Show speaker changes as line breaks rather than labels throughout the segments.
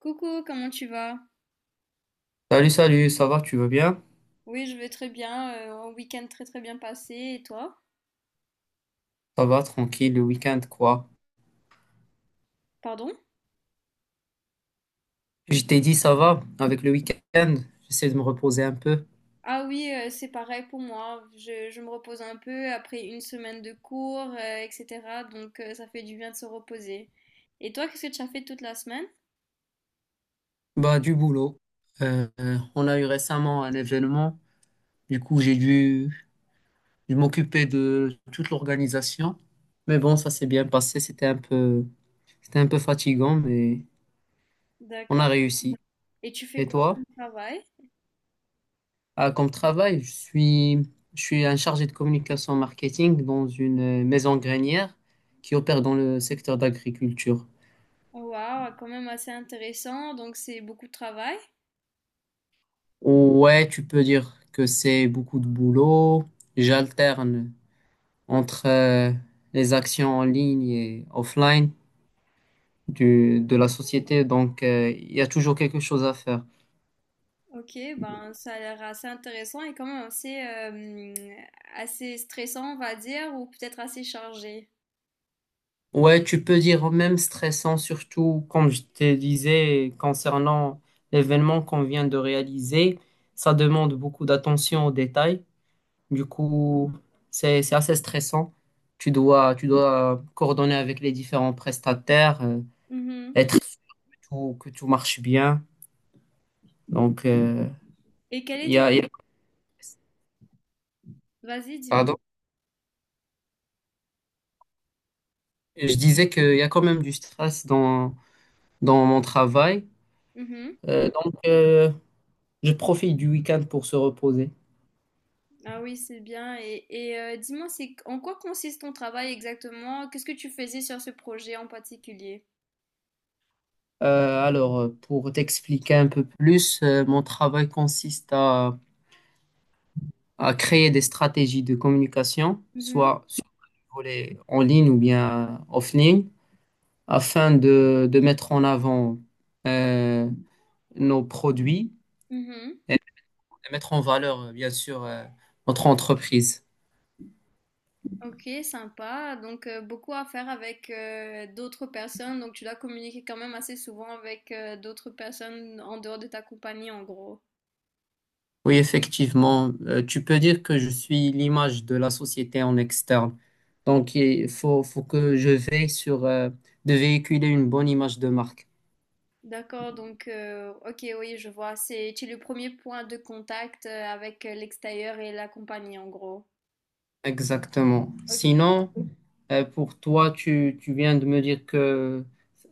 Coucou, comment tu vas?
Salut, salut, ça va, tu vas bien?
Oui, je vais très bien. Un week-end très très bien passé. Et toi?
Ça va, tranquille, le week-end, quoi.
Pardon?
Je t'ai dit, ça va, avec le week-end, j'essaie de me reposer un peu.
Ah oui, c'est pareil pour moi. Je me repose un peu après une semaine de cours, etc. Donc ça fait du bien de se reposer. Et toi, qu'est-ce que tu as fait toute la semaine?
Bah, du boulot. On a eu récemment un événement, du coup, j'ai dû m'occuper de toute l'organisation. Mais bon, ça s'est bien passé, c'était un peu fatigant, mais on a
D'accord.
réussi.
Et tu fais
Et
quoi
toi?
comme travail?
Ah, comme travail, je suis un chargé de communication marketing dans une maison grainière qui opère dans le secteur d'agriculture.
Waouh, quand même assez intéressant. Donc c'est beaucoup de travail.
Ouais, tu peux dire que c'est beaucoup de boulot. J'alterne entre les actions en ligne et offline de la société, donc il y a toujours quelque chose à faire.
Ok, ben ça a l'air assez intéressant et quand même assez, assez stressant, on va dire, ou peut-être assez chargé.
Ouais, tu peux dire même stressant, surtout comme je te disais concernant l'événement qu'on vient de réaliser, ça demande beaucoup d'attention aux détails. Du coup, c'est assez stressant. Tu dois coordonner avec les différents prestataires.
Mhm.
Être que tout marche bien. Donc,
Et quelle
il y
était...
a, il y a-
Vas-y, dis-moi.
pardon, je disais qu'il y a quand même du stress dans mon travail.
Mhm.
Euh, donc, euh, je profite du week-end pour se reposer.
Ah oui, c'est bien. Et dis-moi, c'est en quoi consiste ton travail exactement? Qu'est-ce que tu faisais sur ce projet en particulier?
Pour t'expliquer un peu plus, mon travail consiste à créer des stratégies de communication,
Mhm.
soit sur le volet en ligne ou bien offline, afin de mettre en avant euh, nos produits
Mhm.
et mettre en valeur, bien sûr, notre entreprise.
Ok, sympa. Donc, beaucoup à faire avec d'autres personnes. Donc, tu dois communiquer quand même assez souvent avec d'autres personnes en dehors de ta compagnie, en gros.
Oui, effectivement, tu peux dire que je suis l'image de la société en externe. Donc, faut que je veille sur de véhiculer une bonne image de marque.
D'accord, donc, ok, oui, je vois. C'est, tu es le premier point de contact avec l'extérieur et la compagnie, en gros.
Exactement. Sinon, pour toi, tu viens de me dire que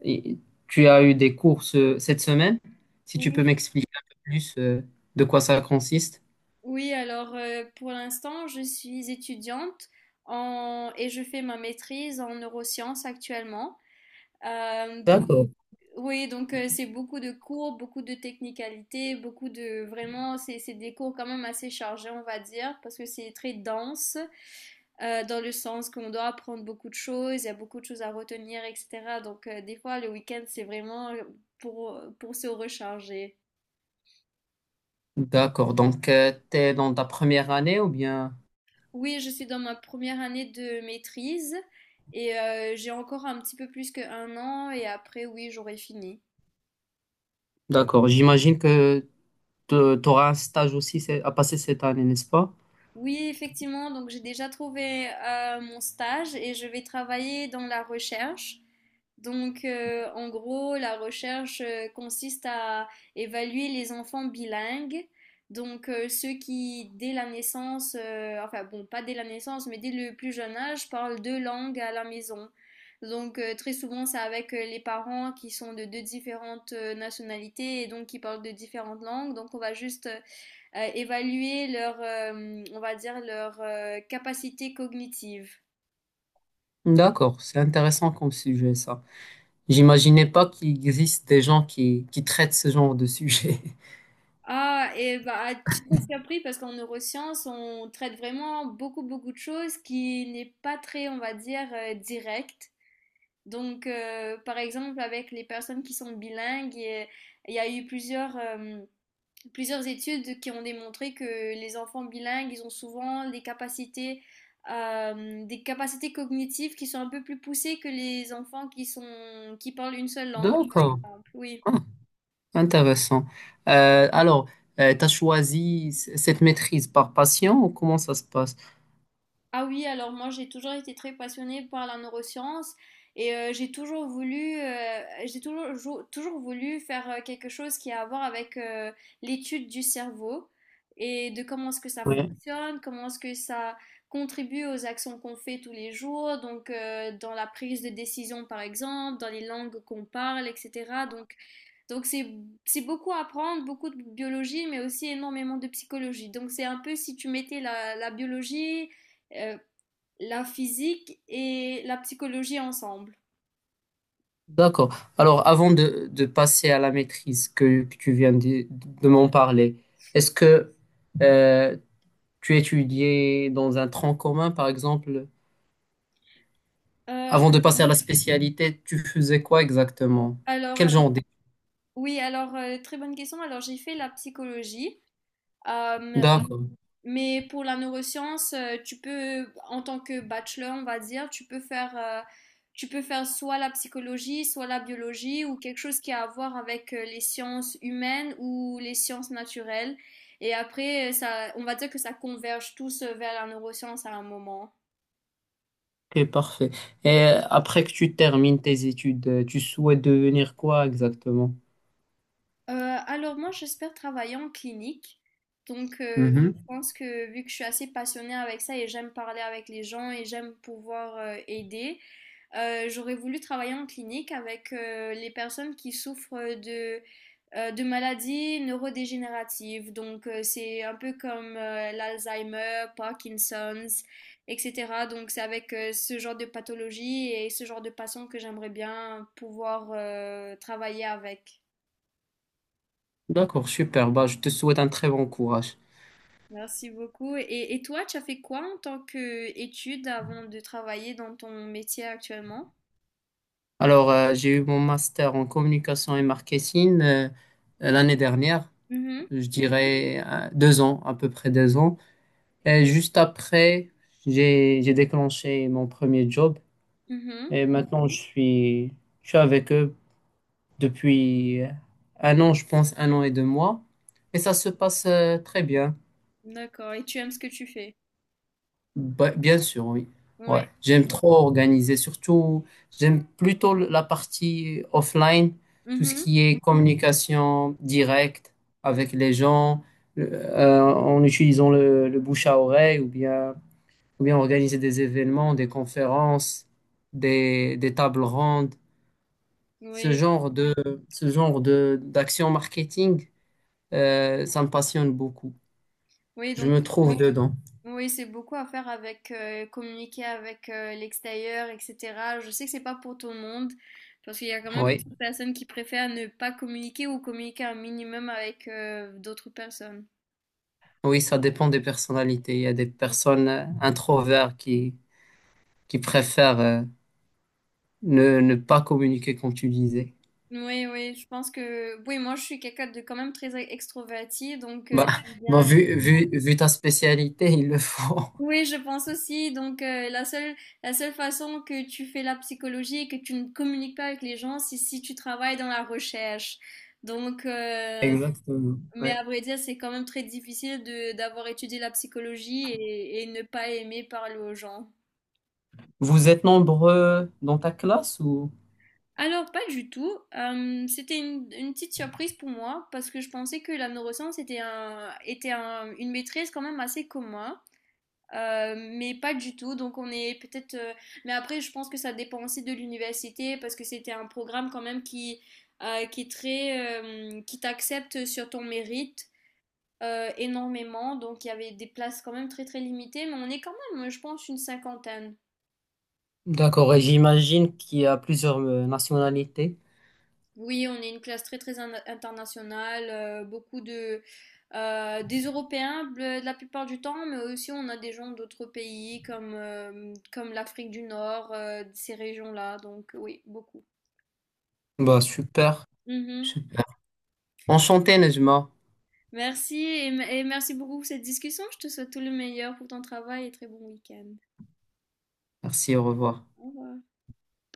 i- tu as eu des cours cette semaine. Si tu peux
Ok.
m'expliquer un peu plus de quoi ça consiste.
Oui, alors pour l'instant, je suis étudiante en... et je fais ma maîtrise en neurosciences actuellement. Donc
D'accord.
oui, donc c'est beaucoup de cours, beaucoup de technicalités, beaucoup de vraiment, c'est des cours quand même assez chargés, on va dire, parce que c'est très dense dans le sens qu'on doit apprendre beaucoup de choses, il y a beaucoup de choses à retenir, etc. Donc des fois le week-end c'est vraiment pour se recharger.
D'accord. Donc, tu es dans ta première année ou bien...
Oui, je suis dans ma première année de maîtrise et j'ai encore un petit peu plus qu'un an et après, oui, j'aurai fini.
D'accord. J'imagine que tu auras un stage aussi à passer cette année, n'est-ce pas?
Oui, effectivement, donc j'ai déjà trouvé mon stage et je vais travailler dans la recherche. Donc, en gros, la recherche consiste à évaluer les enfants bilingues, donc ceux qui, dès la naissance, enfin bon, pas dès la naissance, mais dès le plus jeune âge, parlent deux langues à la maison. Donc, très souvent, c'est avec les parents qui sont de deux différentes nationalités et donc qui parlent de différentes langues. Donc, on va juste évaluer leur, on va dire, leur capacité cognitive.
D'accord. C'est intéressant comme sujet, ça. J'imaginais pas qu'il existe des gens qui traitent ce genre de sujet.
Ah, et bah, tu serais surpris parce qu'en neurosciences, on traite vraiment beaucoup, beaucoup de choses qui n'est pas très, on va dire, direct. Donc, par exemple, avec les personnes qui sont bilingues, il y a eu plusieurs, plusieurs études qui ont démontré que les enfants bilingues, ils ont souvent des capacités cognitives qui sont un peu plus poussées que les enfants qui sont, qui parlent une seule langue, par
D'accord.
exemple. Oui.
Ah, intéressant. Euh, alors, tu as choisi cette maîtrise par patient ou comment ça se passe?
Ah oui, alors moi j'ai toujours été très passionnée par la neuroscience et j'ai toujours voulu, j'ai toujours, toujours voulu faire quelque chose qui a à voir avec l'étude du cerveau et de comment est-ce que ça
Oui.
fonctionne, comment est-ce que ça contribue aux actions qu'on fait tous les jours, donc dans la prise de décision par exemple, dans les langues qu'on parle, etc. Donc, donc c'est beaucoup à apprendre, beaucoup de biologie, mais aussi énormément de psychologie. Donc c'est un peu si tu mettais la biologie euh, la physique et la psychologie ensemble.
D'accord. Alors, avant de passer à la maîtrise que tu viens de m'en parler, est-ce que euh, tu étudiais dans un tronc commun, par exemple.
Euh,
Avant de passer à la spécialité, tu faisais quoi exactement?
alors,
Quel
euh,
genre d'études?
oui, alors, très bonne question. Alors, j'ai fait la psychologie, euh,
D'accord,
mais pour la neuroscience, tu peux, en tant que bachelor, on va dire, tu peux faire soit la psychologie, soit la biologie, ou quelque chose qui a à voir avec les sciences humaines ou les sciences naturelles. Et après, ça, on va dire que ça converge tous vers la neuroscience à un moment.
ok, parfait. Et après que tu termines tes études, tu souhaites devenir quoi exactement?
Alors moi, j'espère travailler en clinique. Donc, je
Mhm.
pense que vu que je suis assez passionnée avec ça et j'aime parler avec les gens et j'aime pouvoir aider, j'aurais voulu travailler en clinique avec les personnes qui souffrent de maladies neurodégénératives. Donc, c'est un peu comme l'Alzheimer, Parkinson's, etc. Donc, c'est avec ce genre de pathologie et ce genre de patients que j'aimerais bien pouvoir travailler avec.
D'accord, super. Bah, je te souhaite un très bon courage.
Merci beaucoup. Et toi, tu as fait quoi en tant qu'étude avant de travailler dans ton métier actuellement?
J'ai eu mon master en communication et marketing l'année dernière,
Mhm,
je dirais deux ans, à peu près deux ans. Et juste après, j'ai déclenché mon premier job.
mhm.
Et maintenant, je suis avec eux depuis un an, je pense, un an et deux mois. Et ça se passe très bien.
D'accord. Et tu aimes ce que tu fais?
Ba- bien sûr, oui. Ouais.
Ouais.
J'aime trop organiser. Surtout, j'aime plutôt la partie offline, tout ce
Mhm.
qui est communication directe avec les gens, en utilisant le bouche à oreille ou bien organiser des événements, des conférences, des tables rondes. Ce
Oui,
genre de, ce genre de, d'action marketing, ça me passionne beaucoup.
oui,
Je
donc
me trouve Oui. dedans.
oui, c'est beaucoup à faire avec communiquer avec l'extérieur, etc. Je sais que c'est pas pour tout le monde, parce qu'il y a quand même
Oui,
beaucoup de personnes qui préfèrent ne pas communiquer ou communiquer un minimum avec d'autres personnes.
oui, ça dépend des personnalités. Il y a des personnes introvertes qui préfèrent ne pas communiquer, comme tu disais.
Oui, oui, je pense que... Oui, moi, je suis quelqu'un de quand même très extroverti, donc
Bah,
j'aime
bah
bien.
vu ta spécialité, il le faut.
Oui, je pense aussi. Donc, la seule façon que tu fais la psychologie et que tu ne communiques pas avec les gens, c'est si tu travailles dans la recherche. Donc,
Exactement.
mais
Ouais.
à vrai dire, c'est quand même très difficile de d'avoir étudié la psychologie et ne pas aimer parler aux gens.
Vous êtes nombreux dans ta classe ou?
Alors, pas du tout. C'était une petite surprise pour moi parce que je pensais que la neuroscience était, un, était une maîtrise quand même assez commune. Mais pas du tout. Donc, on est peut-être. Mais après, je pense que ça dépend aussi de l'université parce que c'était un programme quand même qui est très, qui t'accepte sur ton mérite. Énormément, donc il y avait des places quand même très très limitées, mais on est quand même, je pense, une cinquantaine.
D'accord, et j'imagine qu'il y a plusieurs nationalités.
Oui, on est une classe très très internationale, beaucoup de des Européens la plupart du temps, mais aussi on a des gens d'autres pays comme comme l'Afrique du Nord, ces régions-là, donc oui, beaucoup.
Bah, super,
Mhm.
super. Enchanté, Nejma.
Merci et, et merci beaucoup pour cette discussion. Je te souhaite tout le meilleur pour ton travail et très bon week-end.
Merci, au revoir.
Au revoir.